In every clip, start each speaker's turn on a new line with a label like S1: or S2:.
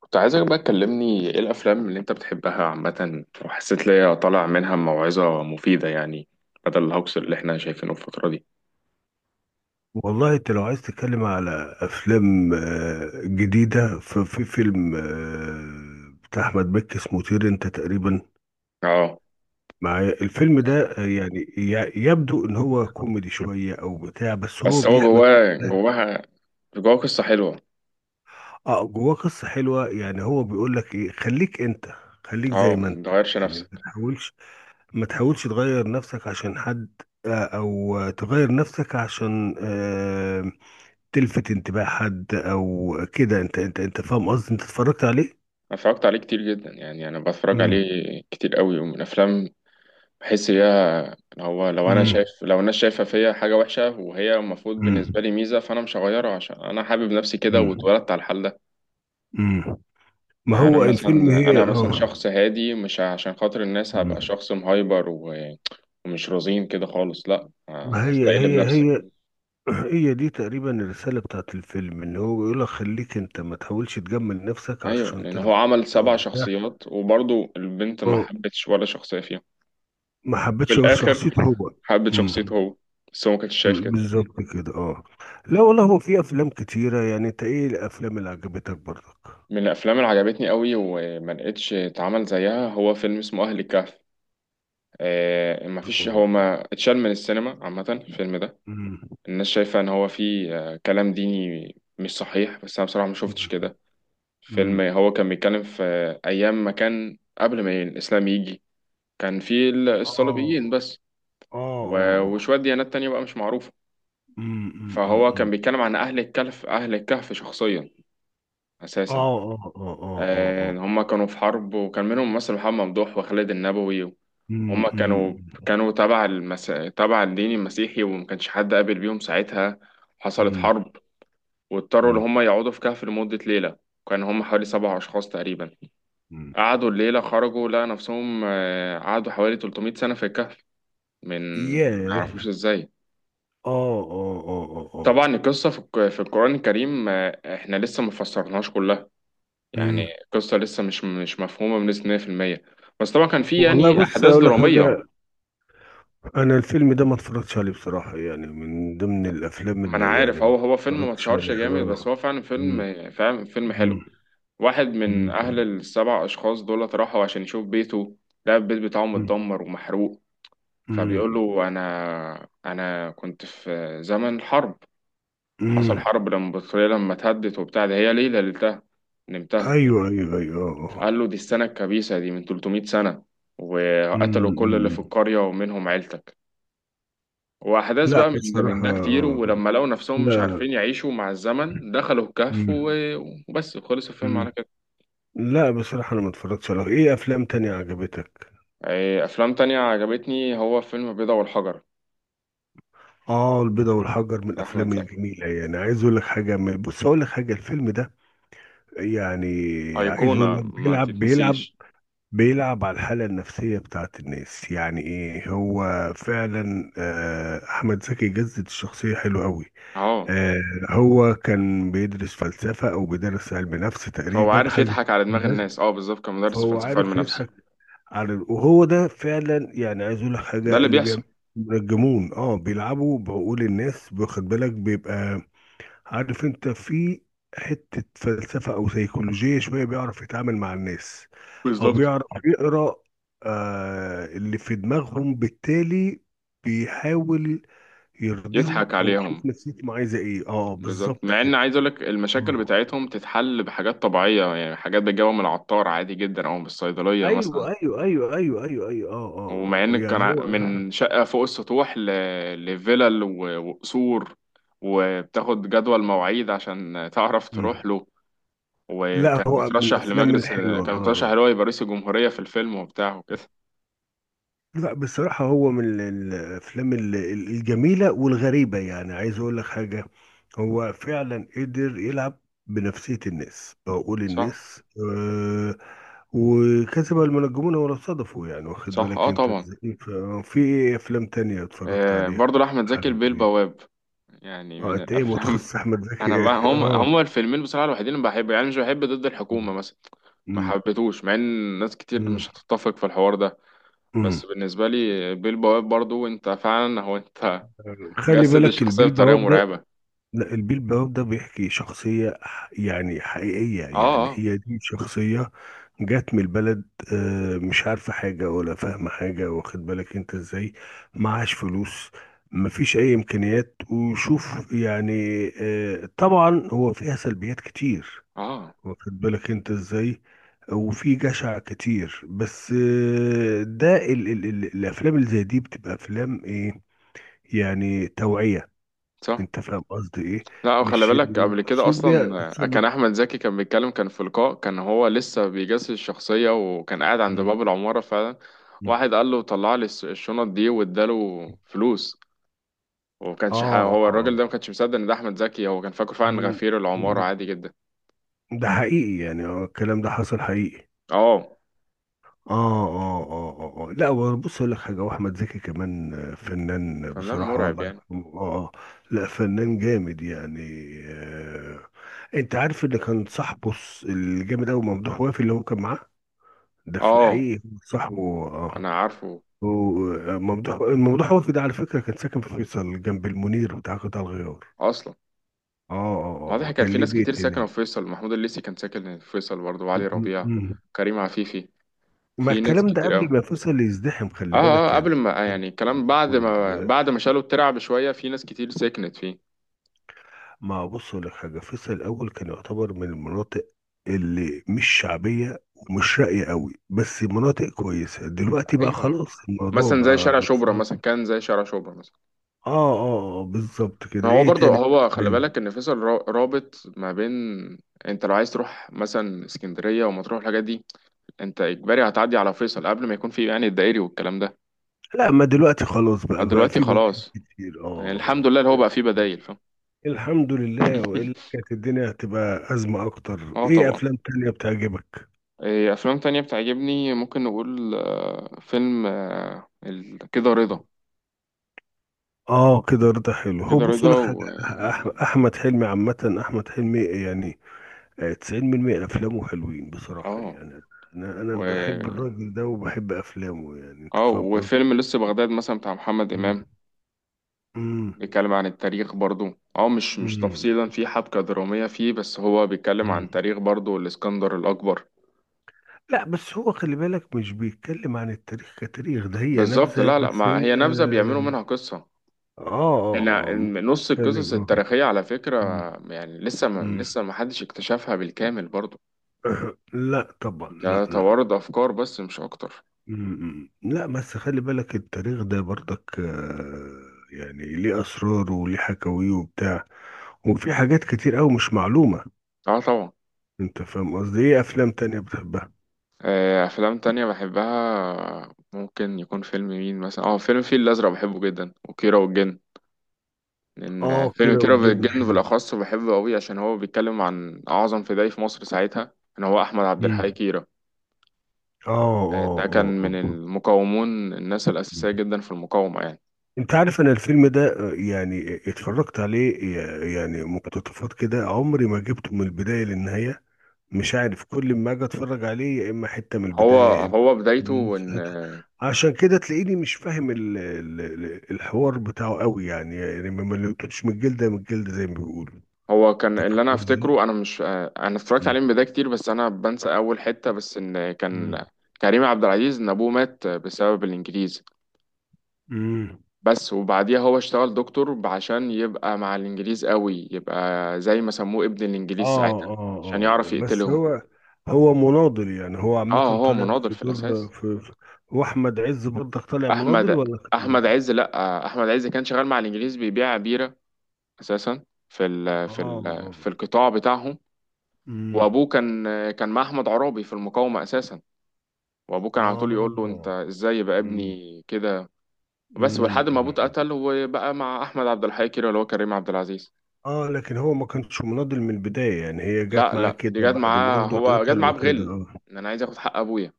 S1: كنت عايزك بقى تكلمني، ايه الافلام اللي انت بتحبها عامه وحسيت ليا طالع منها موعظه مفيده يعني، بدل الهوكس اللي احنا شايفينه الفتره دي.
S2: والله انت لو عايز تتكلم على افلام جديده، ففي فيلم بتاع احمد مكي اسمه طير انت. تقريبا
S1: اه،
S2: معايا الفيلم ده. يعني يبدو ان هو كوميدي شويه او بتاع، بس هو
S1: بس هو
S2: بيحمل
S1: جواه جواها، جواه قصه حلوه.
S2: اه جواه قصه حلوه. يعني هو بيقول لك ايه، خليك انت، خليك
S1: اه،
S2: زي ما انت.
S1: متغيرش
S2: يعني ما
S1: نفسك.
S2: تحاولش ما تحاولش تغير نفسك عشان حد، او تغير نفسك عشان تلفت انتباه حد او كده. انت فاهم قصدي، انت اتفرجت عليه؟
S1: أنا اتفرجت عليه كتير جدا، يعني انا بتفرج
S2: امم.
S1: عليه كتير قوي، ومن افلام بحس بيها إن هو، لو انا شايف
S2: امم.
S1: لو الناس شايفه فيا حاجه وحشه وهي المفروض بالنسبه
S2: امم.
S1: لي ميزه، فانا مش هغيرها عشان انا حابب نفسي كده
S2: امم.
S1: واتولدت على الحال ده.
S2: امم. ما
S1: يعني انا
S2: هو الفيلم
S1: مثلا
S2: هي،
S1: انا مثلا
S2: اه.
S1: شخص هادي، مش عشان خاطر الناس هبقى
S2: امم.
S1: شخص مهايبر ومش رزين كده خالص، لا،
S2: ما هي
S1: هستقل
S2: هي
S1: بنفسي.
S2: هي هي دي تقريبا الرسالة بتاعت الفيلم، ان هو بيقول لك خليك انت، ما تحاولش تجمل نفسك
S1: ايوه،
S2: عشان
S1: لان هو
S2: ترضى.
S1: عمل
S2: او
S1: سبع
S2: بتاع.
S1: شخصيات وبرضه البنت ما
S2: اه،
S1: حبتش ولا شخصيه فيهم،
S2: ما
S1: في
S2: حبيتش غير
S1: الاخر
S2: شخصيته هو.
S1: حبت
S2: امم.
S1: شخصيته هو، بس هو ما كانش شايف كده.
S2: بالظبط كده، اه. لا والله، هو في افلام كتيرة. يعني انت ايه الافلام اللي عجبتك برضك؟
S1: من الافلام اللي عجبتني قوي وما لقيتش اتعمل زيها هو فيلم اسمه اهل الكهف. آه، ما فيش، هو ما اتشال من السينما عامه الفيلم ده.
S2: أمم.
S1: الناس شايفة إن هو فيه كلام ديني مش صحيح، بس أنا بصراحة ما شفتش
S2: مم.
S1: كده. فيلم
S2: مم.
S1: هو كان بيتكلم في أيام ما كان قبل ما الإسلام يجي، كان فيه الصليبيين
S2: اه.
S1: بس
S2: اه. اه. اه.
S1: وشوية ديانات تانية بقى مش معروفة.
S2: مم، مم، مم،
S1: فهو
S2: مم.
S1: كان بيتكلم عن أهل الكهف، أهل الكهف شخصيا، أساسا.
S2: اه. اه. اه. اه. اه. اه.
S1: إن هما كانوا في حرب وكان منهم مثلا محمد ممدوح وخالد النبوي.
S2: مم،
S1: هما
S2: مم،
S1: كانوا، كانوا تبع تبع الدين المسيحي، وما كانش حد قابل بيهم ساعتها. حصلت
S2: مم،
S1: حرب واضطروا إن
S2: مم،
S1: هم يقعدوا في كهف لمدة ليلة، وكان هم حوالي 7 أشخاص تقريبا.
S2: مم.
S1: قعدوا الليلة، خرجوا لقى نفسهم، قعدوا حوالي 300 سنة في الكهف، من ما
S2: ياه.
S1: يعرفوش إزاي.
S2: اه. اه. اه. اه.
S1: طبعا
S2: اه.
S1: القصة في في القرآن الكريم، إحنا لسه ما فسرناهاش كلها. يعني
S2: مم.
S1: القصة لسه مش مفهومة بنسبة 100%. بس طبعا كان في
S2: والله
S1: يعني
S2: بص
S1: أحداث
S2: اقول لك
S1: درامية.
S2: حاجه، انا الفيلم ده ما اتفرجتش عليه بصراحه، يعني من ضمن الافلام
S1: ما أنا
S2: اللي يعني
S1: عارف، هو
S2: ما
S1: هو فيلم ما
S2: اتفرجتش
S1: اتشهرش
S2: عليه،
S1: جامد، بس
S2: اه.
S1: هو فعلا
S2: مم،
S1: فيلم، فعلا فيلم حلو.
S2: مم،
S1: واحد من
S2: مم،
S1: أهل ال7 أشخاص دولت راحوا عشان يشوف بيته، لقى البيت بتاعه
S2: مم،
S1: متدمر ومحروق. فبيقول
S2: مم،
S1: له أنا كنت في زمن حرب، حصل
S2: مم.
S1: حرب لما البطارية، لما اتهدت وبتاع ده، هي ليلة ليلتها نمتها.
S2: ايوه، ايوه، ايوه، اه، آه.
S1: فقال له دي السنة الكبيسة، دي من 300 سنة، وقتلوا كل اللي في
S2: مم.
S1: القرية ومنهم عيلتك. وأحداث
S2: لا
S1: بقى من
S2: بصراحة.
S1: ده كتير، ولما لقوا نفسهم مش
S2: لا.
S1: عارفين يعيشوا مع الزمن دخلوا الكهف
S2: مم.
S1: وبس، خلص الفيلم على
S2: مم.
S1: كده.
S2: لا بصراحة، أنا ما اتفرجتش على. إيه أفلام تانية عجبتك؟
S1: إيه، افلام تانية عجبتني، هو فيلم البيضة والحجر.
S2: آه، البيضة والحجر من
S1: احمد
S2: الأفلام
S1: زكي
S2: الجميلة. يعني عايز أقول لك حاجة، بص أقول لك حاجة. الفيلم ده يعني، عايز
S1: ايقونة
S2: أقول لك،
S1: ما
S2: بيلعب، بيلعب
S1: تتنسيش.
S2: بيلعب على الحالة النفسية بتاعت الناس. يعني إيه هو فعلا. أحمد زكي جسد الشخصية حلو أوي.
S1: اه،
S2: آه، هو كان بيدرس فلسفة، أو بيدرس علم نفس
S1: فهو
S2: تقريبا،
S1: عارف
S2: حاجة زي
S1: يضحك على دماغ
S2: كده.
S1: الناس. اه، بالظبط، كان مدرس
S2: فهو
S1: فلسفة علم
S2: عارف
S1: نفس.
S2: يضحك على، وهو ده فعلا. يعني عايز اقول لك
S1: ده
S2: حاجه،
S1: اللي
S2: اللي بيعمل
S1: بيحصل.
S2: بيرجمون، بيلعبوا بعقول الناس، واخد بالك؟ بيبقى عارف انت، في حته فلسفه او سيكولوجيه شويه، بيعرف يتعامل مع الناس، او
S1: بالظبط،
S2: بيعرف يقرا اللي في دماغهم، بالتالي بيحاول يرضيهم
S1: يضحك
S2: او
S1: عليهم.
S2: يشوف نفسيتهم عايزه ايه. اه،
S1: بالظبط،
S2: بالظبط
S1: مع ان
S2: كده.
S1: عايز اقولك المشاكل
S2: آه.
S1: بتاعتهم تتحل بحاجات طبيعية، يعني حاجات بتجيبها من العطار عادي جدا، او من الصيدلية مثلا.
S2: ايوه، ايوه، ايوه، ايوه، ايوه، ايوه، اه.
S1: ومع ان
S2: اه،
S1: كان
S2: يعني هو.
S1: من شقة فوق السطوح لفيلل وقصور، وبتاخد جدول مواعيد عشان تعرف تروح
S2: مم.
S1: له.
S2: لا،
S1: وكان
S2: هو من
S1: مترشح
S2: الافلام
S1: لمجلس،
S2: الحلوه،
S1: كان مترشح اللي
S2: اه.
S1: هو يبقى رئيس الجمهورية في الفيلم وبتاع وكده.
S2: لا بصراحه هو من الافلام الجميله والغريبه. يعني عايز اقول لك حاجه، هو فعلا قدر يلعب بنفسيه الناس، عقول
S1: صح.
S2: الناس. آه، وكسب المنجمون ولا صدفوا. يعني واخد
S1: صح.
S2: بالك
S1: اه
S2: انت
S1: طبعا.
S2: ازاي؟ في ايه افلام تانية اتفرجت
S1: آه،
S2: عليها؟
S1: برضه لأحمد زكي، البيه
S2: حبيبي.
S1: البواب، يعني
S2: اه،
S1: من
S2: انت ايه،
S1: الأفلام.
S2: متخصص احمد
S1: أنا
S2: زكي؟
S1: بقى هم
S2: اه.
S1: الفيلمين بصراحة الوحيدين اللي بحب، يعني مش بحب ضد الحكومة مثلا، ما
S2: مم.
S1: حبيتهوش، مع ان ناس كتير مش
S2: مم.
S1: هتتفق في الحوار ده. بس
S2: مم.
S1: بالنسبة لي، بيل بواب برضو، انت فعلا هو انت
S2: خلي
S1: جسد
S2: بالك، البيه
S1: الشخصية بطريقة
S2: البواب.
S1: مرعبة.
S2: لا، البيلباوب ده بيحكي شخصية يعني حقيقية،
S1: اه.
S2: يعني
S1: اه.
S2: هي دي شخصية جات من البلد. مش عارفة حاجة ولا فاهمة حاجة. واخد بالك انت ازاي، معهاش فلوس، مفيش اي امكانيات. وشوف يعني. طبعا هو فيها سلبيات كتير،
S1: اه.
S2: واخد بالك انت ازاي، وفي جشع كتير. بس ده ال الافلام اللي زي دي بتبقى افلام ايه، يعني توعية.
S1: صح.
S2: انت فاهم قصدي ايه؟
S1: لا، وخلي
S2: مش
S1: بالك قبل كده
S2: المقصود بيها
S1: اصلا كان
S2: بتثبت.
S1: احمد زكي كان بيتكلم، كان في لقاء، كان هو لسه بيجسس الشخصيه وكان قاعد عند
S2: مم.
S1: باب العماره فعلا.
S2: مم.
S1: واحد قال له طلع لي الشنط دي، واداله فلوس.
S2: اه،
S1: وكانش
S2: اه.
S1: هو
S2: آه.
S1: الراجل ده ما كانش مصدق ان ده احمد زكي، هو كان فاكره فعلا
S2: مم.
S1: غفير العماره
S2: مم.
S1: عادي جدا.
S2: ده حقيقي يعني. الكلام ده حصل حقيقي.
S1: اه.
S2: اه. اه، اه، اه، آه. لا، هو بص اقول لك حاجه، واحمد زكي كمان فنان
S1: فنان
S2: بصراحه،
S1: مرعب
S2: الله
S1: يعني.
S2: يرحمه، اه، آه. لا، فنان جامد يعني. آه. انت عارف اللي كان صاحبه، الجامد قوي، ممدوح وافي، اللي هو كان معاه ده في
S1: اه،
S2: الحقيقه صاحبه، اه.
S1: انا عارفه
S2: وممدوح وفد، على فكرة، كان ساكن في فيصل جنب المنير بتاع قطاع الغيار.
S1: اصلا.
S2: اه. اه.
S1: واضح كان
S2: كان
S1: في
S2: ليه
S1: ناس كتير
S2: بيت
S1: ساكنه في
S2: هناك.
S1: فيصل، محمود الليثي كان ساكن في فيصل برضه، وعلي
S2: م-
S1: ربيع،
S2: م-
S1: كريم عفيفي،
S2: ما
S1: في ناس
S2: الكلام ده
S1: كتير.
S2: قبل ما فيصل يزدحم،
S1: اه
S2: خلي بالك
S1: اه،
S2: يعني.
S1: قبل ما يعني الكلام بعد
S2: وال-
S1: ما، بعد ما شالوا الترعة بشوية في ناس كتير سكنت فيه.
S2: ما بص أقول لك حاجة، فيصل الأول كان يعتبر من المناطق اللي مش شعبية ومش راقية قوي، بس مناطق كويسة دلوقتي. بقى
S1: ايوه،
S2: خلاص الموضوع،
S1: مثلا زي
S2: بقى
S1: شارع شبرا
S2: اه.
S1: مثلا، كان زي شارع شبرا مثلا.
S2: اه. بالظبط كده.
S1: هو
S2: ايه
S1: برضه،
S2: تاني؟
S1: هو خلي بالك ان فيصل رابط ما بين، انت لو عايز تروح مثلا اسكندرية ومطروح الحاجات دي، انت اجباري هتعدي على فيصل قبل ما يكون في يعني الدائري والكلام ده.
S2: لا، ما دلوقتي خلاص بقى
S1: دلوقتي
S2: في بدائل
S1: خلاص،
S2: كتير،
S1: يعني الحمد
S2: اه.
S1: لله اللي هو بقى فيه بدايل، فاهم.
S2: الحمد لله، والا كانت الدنيا هتبقى ازمه اكتر.
S1: اه
S2: ايه
S1: طبعا.
S2: افلام تانية بتعجبك؟
S1: إيه افلام تانية بتعجبني، ممكن نقول فيلم، كده رضا.
S2: اه، كده رضا حلو. هو
S1: كده
S2: بص
S1: رضا
S2: لك حاجه،
S1: و،
S2: احمد حلمي عامه، احمد حلمي يعني 90% افلامه حلوين بصراحه
S1: اه،
S2: يعني. انا
S1: و،
S2: بحب الراجل ده وبحب افلامه، يعني انت
S1: اه،
S2: فاهم قصدي.
S1: وفيلم لسه بغداد مثلا بتاع محمد
S2: مم.
S1: إمام، بيتكلم عن التاريخ برضو. اه، مش
S2: مم.
S1: تفصيلا، في حبكة درامية فيه، بس هو بيتكلم عن
S2: مم.
S1: تاريخ برضو، الإسكندر الأكبر.
S2: لا بس هو، خلي بالك، مش بيتكلم عن التاريخ كتاريخ، ده هي
S1: بالظبط،
S2: نبذة
S1: لا لا،
S2: بس
S1: ما
S2: هي
S1: هي نبذة بيعملوا
S2: يعني.
S1: منها قصة.
S2: اه.
S1: لا،
S2: مش
S1: نص القصص
S2: بيتكلم. آه.
S1: التاريخية على فكرة،
S2: مم،
S1: يعني لسه ما،
S2: مم.
S1: لسه ما حدش اكتشفها بالكامل برضو.
S2: أه، لا طبعا، لا،
S1: ده
S2: لا.
S1: توارد أفكار بس مش أكتر.
S2: مم، مم. لا بس خلي بالك، التاريخ ده برضك يعني ليه أسراره وليه حكاويه وبتاع، وفي حاجات كتير أوي مش معلومة.
S1: اه طبعا.
S2: أنت فاهم قصدي؟ إيه أفلام تانية بتحبها؟
S1: افلام تانية بحبها، ممكن يكون فيلم مين مثلا، اه، فيلم الفيل الازرق بحبه جدا، وكيرة والجن، لان
S2: آه،
S1: فيلم
S2: كيرة
S1: كيرة
S2: والجن
S1: والجن
S2: حلو.
S1: بالاخص بحبه قوي عشان هو بيتكلم عن اعظم فدائي في مصر ساعتها، ان هو احمد عبد الحي
S2: مم.
S1: كيرة.
S2: آه.
S1: ده كان
S2: آه.
S1: من
S2: آه.
S1: المقاومون، الناس
S2: آه.
S1: الاساسيه جدا في المقاومه يعني.
S2: انت عارف انا الفيلم ده يعني اتفرجت عليه يعني مقتطفات كده. عمري ما جبته من البداية للنهاية، مش عارف. كل ما اجي اتفرج عليه يا اما حتة من
S1: هو
S2: البداية، يا اما
S1: هو
S2: من
S1: بدايته
S2: نص
S1: ان،
S2: حتة. عشان كده تلاقيني مش فاهم الحوار بتاعه قوي، يعني ما لقيتوش من الجلدة من الجلدة زي ما بيقولوا.
S1: هو كان
S2: انت
S1: اللي انا
S2: فاهم قصدي؟
S1: افتكره، انا مش، انا اتفرجت عليه
S2: مم.
S1: من بدايه كتير، بس انا بنسى اول حته، بس ان
S2: مم.
S1: كان كريم عبد العزيز، ان ابوه مات بسبب الانجليز
S2: مم.
S1: بس، وبعديها هو اشتغل دكتور عشان يبقى مع الانجليز قوي، يبقى زي ما سموه ابن الانجليز
S2: اه،
S1: ساعتها،
S2: اه،
S1: عشان يعرف
S2: اه، بس
S1: يقتلهم.
S2: هو هو مناضل يعني، هو
S1: اه،
S2: عامة
S1: هو
S2: طالع
S1: مناضل
S2: في
S1: في
S2: دور،
S1: الاساس.
S2: هو أحمد عز برضك طالع مناضل،
S1: احمد،
S2: ولا
S1: احمد
S2: كان؟
S1: عز لا احمد عز كان شغال مع الانجليز بيبيع بيرة اساسا، في ال،
S2: اه.
S1: في ال، في
S2: اه.
S1: القطاع بتاعهم.
S2: امم.
S1: وابوه كان، كان مع احمد عرابي في المقاومة اساسا. وابوه كان على طول يقول له انت
S2: اه.
S1: ازاي يبقى
S2: امم.
S1: ابني كده. بس ولحد ما ابوه
S2: امم.
S1: اتقتل، وبقى مع احمد عبد الحي كده، اللي هو كريم عبد العزيز.
S2: اه، لكن هو ما كانش مناضل من البداية يعني، هي جت
S1: لا
S2: معاه
S1: لا،
S2: كده
S1: دي جت
S2: بعد ما
S1: معاه،
S2: والده
S1: هو جت
S2: اتقتل
S1: معاه
S2: وكده،
S1: بغل،
S2: اه.
S1: ان انا عايز اخد حق ابويا.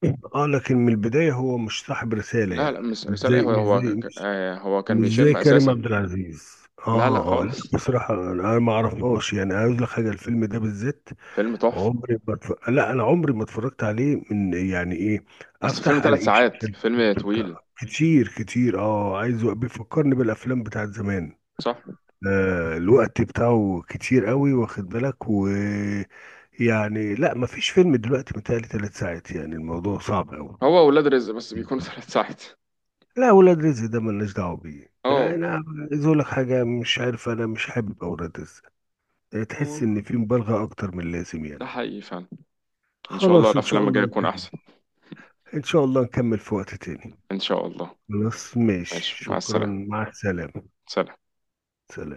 S2: اه، لكن من البداية هو مش صاحب رسالة
S1: لا
S2: يعني.
S1: لا، مش
S2: مش
S1: رسالة ايه،
S2: زي
S1: هو
S2: مش
S1: هو
S2: زي
S1: ك- آه، هو كان
S2: مش زي
S1: بيشم
S2: كريم
S1: اساسا.
S2: عبد العزيز.
S1: لا لا
S2: اه. اه. لا
S1: خالص،
S2: بصراحة، انا ما اعرفهاش يعني. عاوز لك حاجة، الفيلم ده بالذات
S1: فيلم تحفة.
S2: عمري ما اتف... لا، انا عمري ما اتفرجت عليه من، يعني، ايه،
S1: اصل فيلم
S2: افتح
S1: ثلاث
S2: الاقيه
S1: ساعات
S2: شغال في
S1: فيلم
S2: اليوتيوب بتاع.
S1: طويل.
S2: كتير كتير، اه. عايز، بيفكرني بالافلام بتاعت زمان.
S1: صح.
S2: آه، الوقت بتاعه كتير قوي، واخد بالك؟ و، يعني، لا ما فيش فيلم دلوقتي متهيألي 3 ساعات، يعني الموضوع صعب قوي.
S1: هو ولاد رزق بس بيكونوا 3 ساعات.
S2: لا، ولاد رزق ده ملناش دعوه بيه
S1: اه.
S2: انا. عايز اقول لك حاجه، مش عارف، انا مش حابب اولاد رزق، يعني
S1: اه.
S2: تحس ان في مبالغه اكتر من اللازم يعني.
S1: ده حقيقي فعلا. ان شاء الله
S2: خلاص ان شاء
S1: الافلام
S2: الله
S1: الجاية تكون
S2: نكمل.
S1: احسن.
S2: ان شاء الله نكمل في وقت تاني.
S1: ان شاء الله.
S2: خلاص ماشي،
S1: ماشي، مع
S2: شكرا،
S1: السلامة.
S2: مع السلامه.
S1: سلام.
S2: سلام.